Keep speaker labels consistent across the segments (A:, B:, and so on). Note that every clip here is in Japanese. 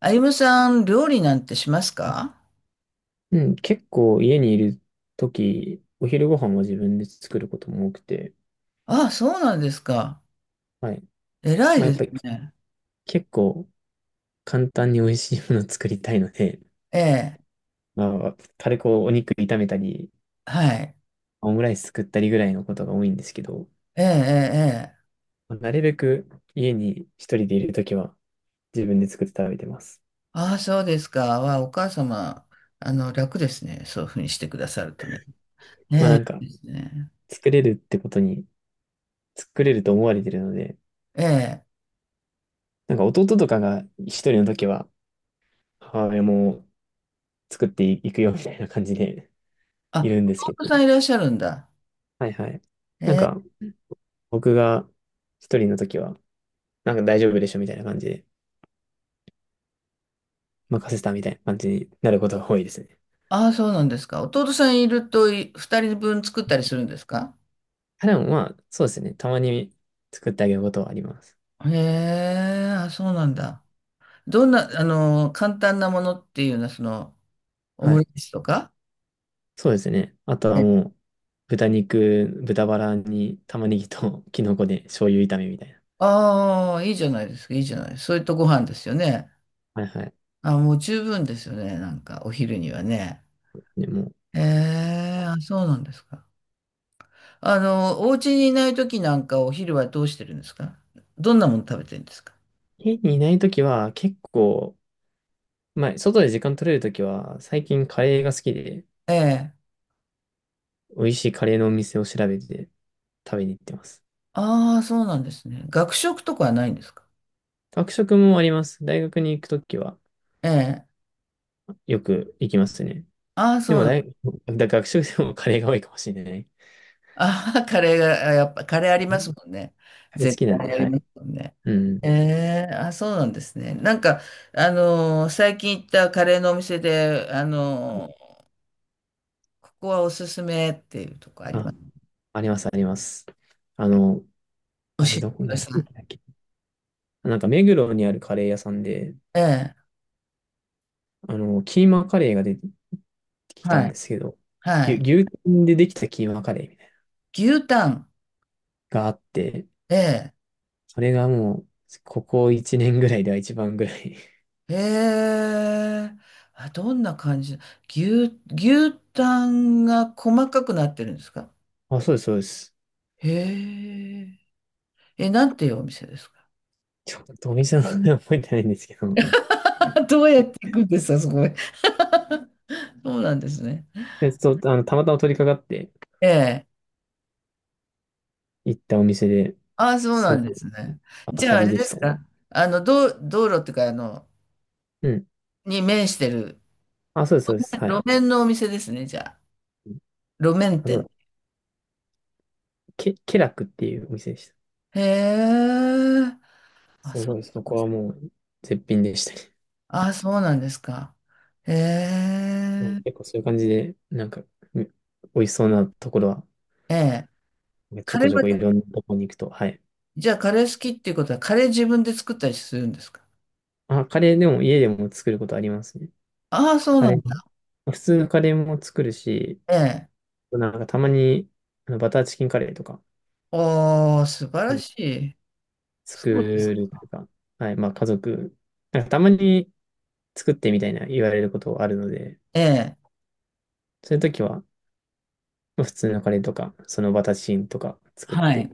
A: あゆむさん、料理なんてしますか？
B: うん、結構家にいるとき、お昼ご飯は自分で作ることも多くて、
A: あ、そうなんですか。
B: はい。
A: 偉い
B: まあや
A: で
B: っ
A: す
B: ぱり
A: ね。
B: 結構簡単に美味しいものを作りたいので、
A: ええ、
B: まあ軽くお肉炒めたり、
A: はい。
B: オムライス作ったりぐらいのことが多いんですけど、
A: ええ、ええ、ええ。
B: まあなるべく家に一人でいるときは自分で作って食べてます。
A: ああ、そうですか。わあ、お母様、楽ですね。そういうふうにしてくださるとね。え
B: まあな
A: え、
B: んか
A: いいですね。
B: 作れるってことに、作れると思われてるので、
A: ええ。
B: なんか弟とかが一人のときは母親も作っていくよみたいな感じでい
A: あ、
B: るんですけど、
A: 弟さんいらっしゃるんだ。
B: はいはい。
A: え
B: なん
A: え。
B: か、僕が一人の時は、なんか大丈夫でしょみたいな感じで、任せたみたいな感じになることが多いですね。
A: ああ、そうなんですか。弟さんいると、二人分作ったりするんですか？
B: あ、でもまあ、そうですね。たまに作ってあげることはあります。
A: へえ、あ、そうなんだ。どんな、簡単なものっていうのは、オ
B: は
A: ムレ
B: い。
A: ツとか？
B: そうですね。あとはもう、豚バラに玉ねぎと キノコで醤油炒めみたいな。
A: ああ、いいじゃないですか、いいじゃない。そういったご飯ですよね。
B: はいはい。
A: あ、もう十分ですよね、なんか、お昼にはね。
B: でも、
A: ええ、あ、そうなんですか。お家にいない時なんか、お昼はどうしてるんですか？どんなもの食べてるんですか？
B: 家にいない時は結構、まあ、外で時間取れる時は、最近カレーが好きで、
A: ええ。
B: 美味しいカレーのお店を調べて食べに行ってます。
A: ああ、そうなんですね。学食とかはないんですか？
B: 学食もあります。大学に行くときは
A: ええ。
B: よく行きますね。
A: ああ、そ
B: で
A: う
B: も
A: なん。
B: 大、だ学食でもカレーが多いかもしれない。
A: ああ、カレーが、やっぱカレーありますもんね。
B: カレー好
A: 絶
B: きなん
A: 対
B: で、
A: あり
B: は
A: ま
B: い。
A: すもんね。
B: う
A: え
B: ん。
A: え、あ、そうなんですね。最近行ったカレーのお店で、ここはおすすめっていうとこありま
B: あ、
A: す？
B: あります、あります。あの、
A: 教
B: あれ
A: えて
B: どこ
A: く
B: な、
A: だ
B: なん
A: さい。
B: だっけ。なんか目黒にあるカレー屋さんで、
A: ええ。
B: キーマカレーが出てきた
A: は
B: ん
A: い、
B: ですけど、
A: はい。
B: 牛タンでできたキーマカレーみたいな
A: 牛タン。
B: のがあって、
A: ええ、
B: それがもう、ここ1年ぐらいでは一番ぐらい。
A: ええ、あ、どんな感じ？牛タンが細かくなってるんですか？
B: あ、そうです、そうです。
A: へえ。え、なんていうお店ですか？
B: ちょっとお店の名前覚えてないんですけど、
A: どうやっていくんですか、そこへ。そうなんですね。
B: そう、たまたま取り掛かって
A: ええ。
B: 行ったお店で、
A: ああ、そうな
B: す
A: ん
B: ご
A: で
B: い
A: すね。
B: 当
A: じゃ
B: た
A: あ、あ
B: り
A: れ
B: で
A: で
B: し
A: す
B: たね。
A: か。道路っていうか、
B: うん。
A: に面してる、
B: あ、そうです、そうです。は
A: 路
B: い。
A: 面のお店ですね、じゃあ。
B: うん、
A: 路面
B: あ、そう
A: 店。
B: だ。ケラクっていうお店でした。
A: へえ。あ、
B: す
A: そう
B: ごい、
A: な
B: そ
A: んで
B: こ
A: す。
B: はもう絶品でしたね。
A: あ、そうなんですか。へ
B: うん。
A: え。
B: 結構そういう感じで、なんか、う美味しそうなところは、
A: ええ。
B: ちょ
A: カレ
B: こ
A: ー
B: ちょこい
A: は、
B: ろんなとこに行くと、はい。
A: じゃあ、カレー好きっていうことは、カレー自分で作ったりするんですか？
B: あ、カレーでも家でも作ることありますね。
A: ああ、そう
B: カ
A: な
B: レ
A: ん
B: ー、
A: だ。
B: 普通のカレーも作るし、
A: ええ。
B: なんかたまに、バターチキンカレーとか、
A: おー、素晴ら
B: う
A: しい。
B: 作
A: そうです。
B: るというか、はい、まあ家族、なんかたまに作ってみたいな言われることあるので、
A: ええ。
B: そういう時は、まあ普通のカレーとか、そのバタチンとか作っ
A: はい。
B: て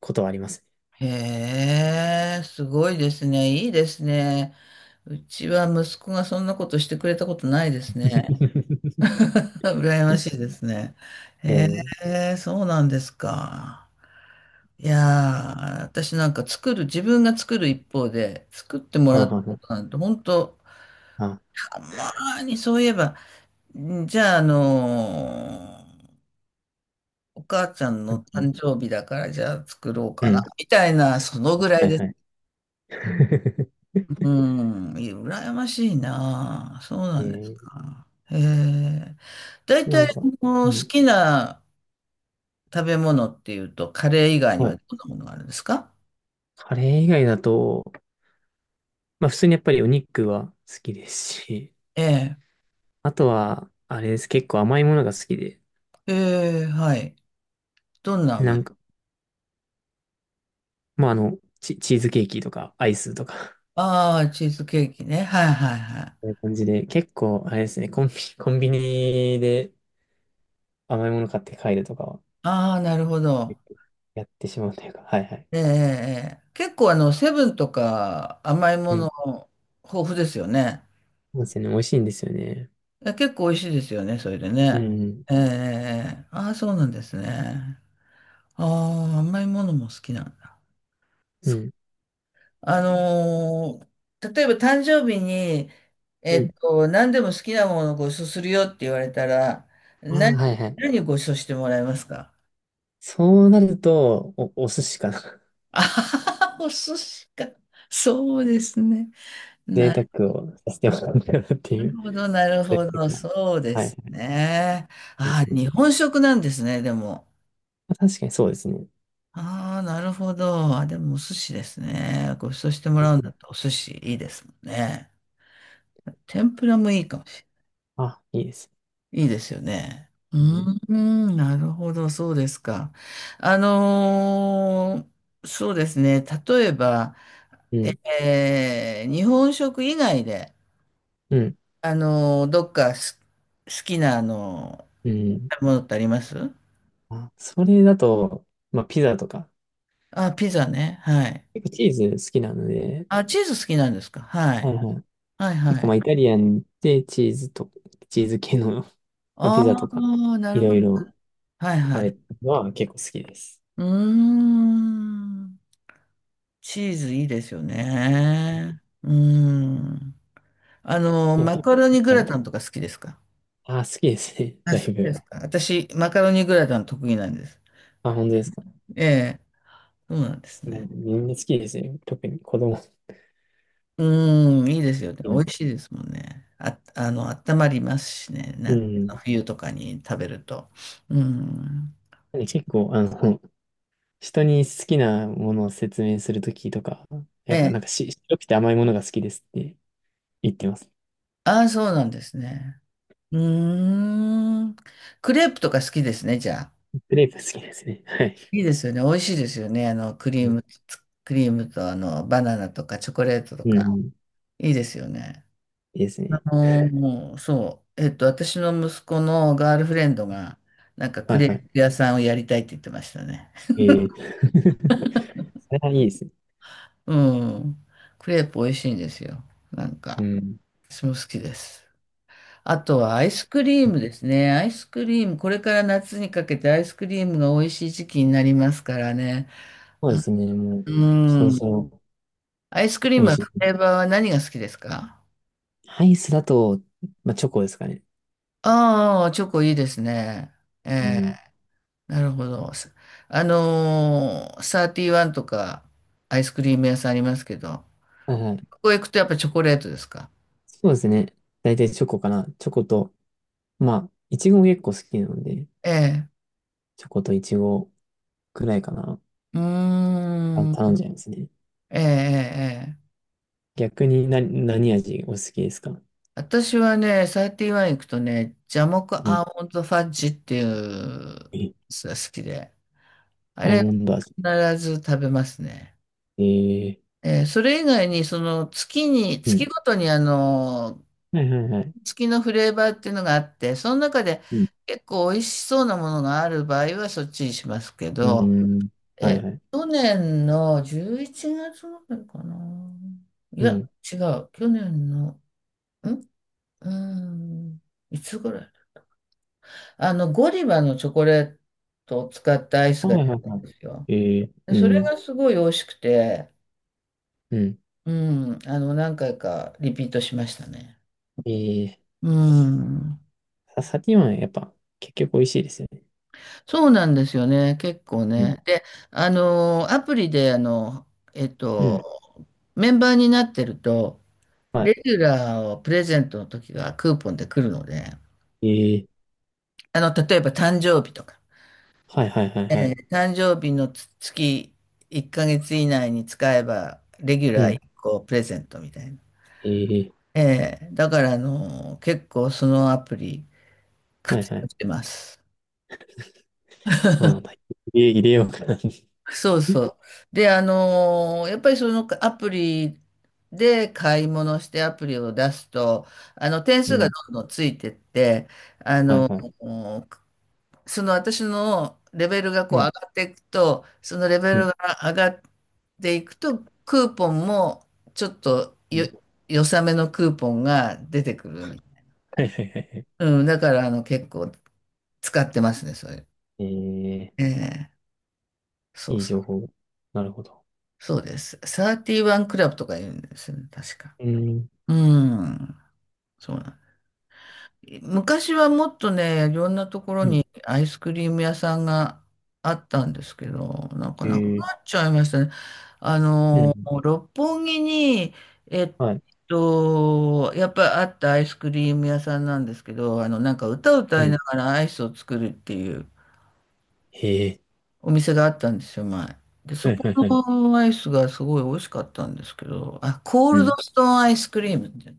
B: ことはあります
A: へえ、すごいですね。いいですね。うちは息子がそんなことしてくれたことないで
B: ね。
A: すね。羨ましいですね。
B: え
A: へ
B: ー、
A: え、そうなんですか。いやー、私なんか作る、自分が作る一方で、作っても
B: は
A: ら
B: あ、
A: った
B: はあ、
A: こ
B: は
A: となんて、本当
B: あ、
A: たまーにそういえば、じゃあ、お母ちゃん
B: あ、は
A: の
B: いは
A: 誕
B: い、
A: 生日だから、じゃあ作ろう
B: う
A: かな、
B: ん、
A: みたいな、そのぐら
B: は
A: い
B: い
A: です。
B: はい。
A: う ん、羨ましいな。そうな
B: え
A: んです
B: ー、
A: か。へえ。大
B: な
A: 体、
B: んか、うん、
A: 好きな食べ物っていうと、カレー以外に
B: は
A: は
B: い。
A: どんなものがあるんですか？
B: カレー以外だと、まあ普通にやっぱりお肉は好きですし、
A: ええ。
B: あとは、あれです、結構甘いものが好きで、
A: ええ、はい。どんな
B: な
A: 甘い？
B: んか、まあ、チーズケーキとか、アイスとか
A: ああ、チーズケーキね。はいはいはい。
B: そういう感じで、結構、あれですね、コンビニで甘いもの買って帰るとかは、
A: ああ、なるほど。
B: 結構やってしまうというか、はいはい。
A: ええ、ええ。ええ、結構セブンとか甘いも
B: う
A: の
B: ん。
A: 豊富ですよね。
B: そうですよね、美味しいんですよね。
A: え、結構美味しいですよね、それで
B: う
A: ね。
B: ん、
A: ええ、ええ。ああ、そうなんですね。ああ、甘いものも好きなんだ。
B: う
A: そう、
B: ん、
A: あのー例えば誕生日に、
B: うん。
A: 何でも好きなものをご馳走するよって言われたら、
B: ああ、
A: 何、
B: はいはい。
A: 何をご馳走してもらえますか？
B: そうなると、お寿司かな。
A: あはは、お寿司 か。そうですね。
B: 贅
A: な
B: 沢をさせてもらうかなってい
A: る
B: う、
A: ほど、な る
B: そう
A: ほ
B: いう
A: ど。
B: 時も。
A: そうで
B: はいは
A: す
B: い。
A: ね。
B: うん
A: ああ、
B: うん、
A: 日本食なんですね、でも。
B: 確かにそうですね。
A: ああ、なるほど。あ、でもお寿司ですね。ご馳走してもらうんだったらお寿司いいですもんね。天ぷらもいいかも。
B: あ、いいです。
A: いいですよね。うー
B: うん、
A: ん、なるほど、そうですか。そうですね。例えば、
B: うん、
A: 日本食以外で、
B: うん。
A: どっかす好きな、
B: うん、
A: ものってあります？
B: あ、それだと、まあ、ピザとか、
A: あ、ピザね。はい。
B: 結構チーズ好きなので、
A: あ、チーズ好きなんですか？は
B: はい
A: い。
B: はい。
A: はい、
B: 結
A: は
B: 構ま
A: い。
B: あイタリアンでチーズ系の、まあ、ピザ
A: あ
B: とか、
A: あ、な
B: い
A: る
B: ろ
A: ほ
B: い
A: ど。
B: ろ
A: はい、は
B: 食べ
A: い。
B: るのは結構好きです。
A: うーん。チーズいいですよね。うーん。
B: でも
A: マ
B: ひ
A: カロニグ
B: は
A: ラ
B: い、
A: タンとか好きですか？
B: あー好きですね。
A: あ、
B: だ
A: そ
B: い
A: うで
B: ぶ。
A: すか。私、マカロニグラタン得意なんです。
B: あ、本当ですか。
A: ええ、そうなんです
B: まあ
A: ね。
B: みんな好きですよ。特に子供好
A: うーん、いいですよね。
B: き
A: 美
B: な。
A: 味しいですもんね。あ、温まりますしね。
B: うん。なん
A: 冬とかに食べると。うーん。
B: で結構、人に好きなものを説明するときとか、や
A: え
B: っぱ
A: え、
B: なんか白くて甘いものが好きですって言ってます。
A: ああ、そうなんですね。うーん。クレープとか好きですね、じゃあ。
B: クレープ好きですね。はい。
A: いいですよね。美味しいですよね。
B: うん。
A: クリームと、バナナとかチョコレートと
B: う
A: か。
B: ん、
A: いいですよね。
B: いいですね。
A: もう、そう。私の息子のガールフレンドが、なんかク
B: はい
A: レ
B: はい。
A: ープ屋さんをやりたいって言ってましたね。
B: ええ それはいいですね。
A: うん。クレープ美味しいんですよ。なん
B: う
A: か、
B: ん。
A: 私も好きです。あとはアイスクリームですね。アイスクリーム、これから夏にかけてアイスクリームが美味しい時期になりますからね。
B: そうですね。もう、
A: う
B: そろそ
A: ん。
B: ろ
A: アイスクリー
B: 美
A: ム
B: 味
A: は
B: し
A: フレ
B: い。
A: ーバーは何が好きですか？
B: アイスだと、まあ、チョコですかね。
A: ああー、チョコいいですね。え
B: う
A: え、
B: ん。
A: なるほど。サーティワンとかアイスクリーム屋さんありますけど、
B: はいはい。
A: ここへ行くとやっぱチョコレートですか？
B: そうですね。大体チョコかな。チョコと、まあ、いちごも結構好きなので、
A: ええ。
B: チョコといちごくらいかな。
A: う
B: あ、
A: ーん。
B: 頼んじゃいますね。
A: ええ、ええ。ええ、
B: 逆に、何味お好きですか？
A: 私はね、サーティワン行くとね、ジャモク
B: うん。
A: アーモンドファッジっていうや
B: え
A: つが好きで、あ
B: アー
A: れ
B: モンド味。
A: 必ず食べますね。
B: ええ、
A: ええ、それ以外に、
B: う
A: 月
B: ん。
A: ごとに
B: はいはいはい。
A: 付きのフレーバーっていうのがあって、その中で
B: うん。
A: 結構美味しそうなものがある場合はそっちにしますけ
B: う
A: ど、
B: ん。は
A: え、
B: いはい。
A: 去年の11月ぐらいかな。い
B: う
A: や、
B: ん。
A: 違う。去年の、んうーん、いつぐらい、ゴディバのチョコレートを使ったアイス
B: は
A: が出
B: いはい
A: たん
B: は
A: で
B: い。
A: すよ。
B: ええ、
A: で、
B: う
A: それ
B: ん。
A: がすごい美味しくて、
B: うん。
A: うん、何回かリピートしましたね。
B: ええ
A: うん。
B: さサティワンやっぱ結局美味しいですよね。
A: そうなんですよね、結構
B: うん。
A: ね。で、アプリで、えっ
B: うん。
A: と、メンバーになってると、
B: は
A: レギュラーをプレゼントの時がクーポンで来るので、
B: い。ええー、
A: 例えば誕生日とか、
B: はいはいはいはい。
A: 誕生日の1ヶ月以内に使えば、レギュ
B: う
A: ラー1
B: ん。
A: 個プレゼントみたいな。
B: ええー、
A: だから、結構そのアプリ
B: はい
A: 活
B: は
A: 用
B: い。
A: してます。
B: そうなんだ。入れようかな。
A: そうそう。で、やっぱりそのアプリで買い物してアプリを出すと、点
B: う
A: 数が
B: ん。
A: どんどんついてって、あ
B: はい
A: の
B: はい。
A: ーその私のレベルがこ
B: う
A: う上
B: ん。
A: がっていくと、そのレベ
B: う
A: ル
B: ん。
A: が上がっていくと、クーポンもちょっと
B: う
A: よ、
B: ん、
A: 良さめのクーポンが出てくるみたい
B: はいはいはいはい。
A: な。うん、だから結構使ってますね、それ。
B: え
A: え
B: え
A: え、そ
B: ー、い
A: う
B: い
A: そ
B: 情
A: う。
B: 報。なるほど。
A: そうです。31クラブとか言うんですよね、確か。
B: うん。
A: うん。そうなん昔はもっとね、いろんなところ
B: うん。
A: にアイスクリーム屋さんがあったんですけど、なんかなくな
B: え
A: っ
B: え
A: ちゃいましたね。あ
B: ー、う
A: の、
B: ん。
A: 六本木に、えっ
B: はい。
A: やっぱりあったアイスクリーム屋さんなんですけど、なんか歌を
B: う
A: 歌い
B: ん。
A: ながらアイスを作るっていう
B: ええ
A: お店があったんですよ、前。で、
B: ー、
A: そ
B: はい
A: こ
B: はいはい。
A: のアイスがすごい美味しかったんですけど、あ、コー
B: う
A: ルド
B: ん。
A: ストーンアイスクリームって、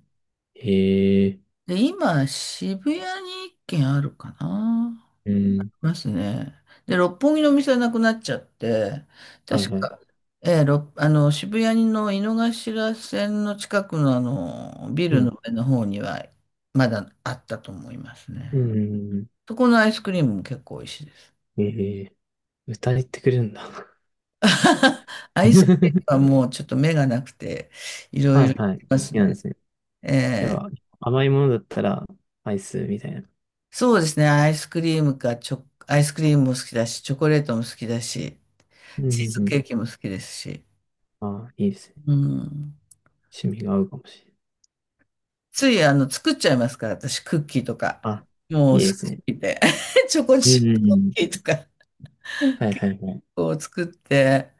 B: ええ
A: で、今、渋谷に一軒あるかな。
B: ー、う
A: い
B: ん。
A: ますね。で、六本木のお店はなくなっちゃって、
B: はい
A: 確
B: はい。
A: か、ええ、渋谷の井の頭線の近くのビ
B: う
A: ルの
B: ん。
A: 上の方には、まだあったと思います
B: う
A: ね。
B: ん。
A: そこのアイスクリームも結構美味しいです。
B: ええー、歌えてくれるんだ。
A: アイスクリー ムはもうちょっと目がなくて、いろ
B: は
A: いろ
B: い
A: い
B: はい。
A: ま
B: 好
A: す
B: きなんで
A: ね。
B: すね。
A: え
B: やっ
A: え、
B: ぱ、甘いものだったら、アイスみたいな。
A: そうですね。アイスクリームか、アイスクリームも好きだし、チョコレートも好きだし、
B: うんう
A: チーズケ
B: ん
A: ーキも好きですし。
B: うん。ああ、いいですね。
A: うん。
B: 趣味が合うかもしれない。
A: つい、作っちゃいますから、私、クッキーとか。
B: あ、
A: もう、好き
B: いいです
A: す
B: ね。
A: ぎて。チョコ
B: う
A: チ
B: ん
A: ッ
B: う
A: プ
B: んう
A: クッキ
B: ん。
A: ーとか、
B: はいは
A: 結
B: いはい。
A: 構作って。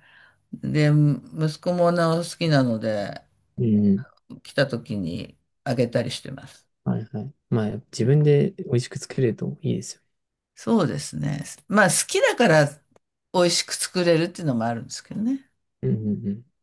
A: で、息子もなお好きなので、
B: うんうん。
A: 来た時にあげたりしてます。
B: はいはい。まあ、自分で美味しく作れるといいですよ。
A: そうですね。まあ、好きだから、美味しく作れるっていうのもあるんですけどね。
B: うんうんうん。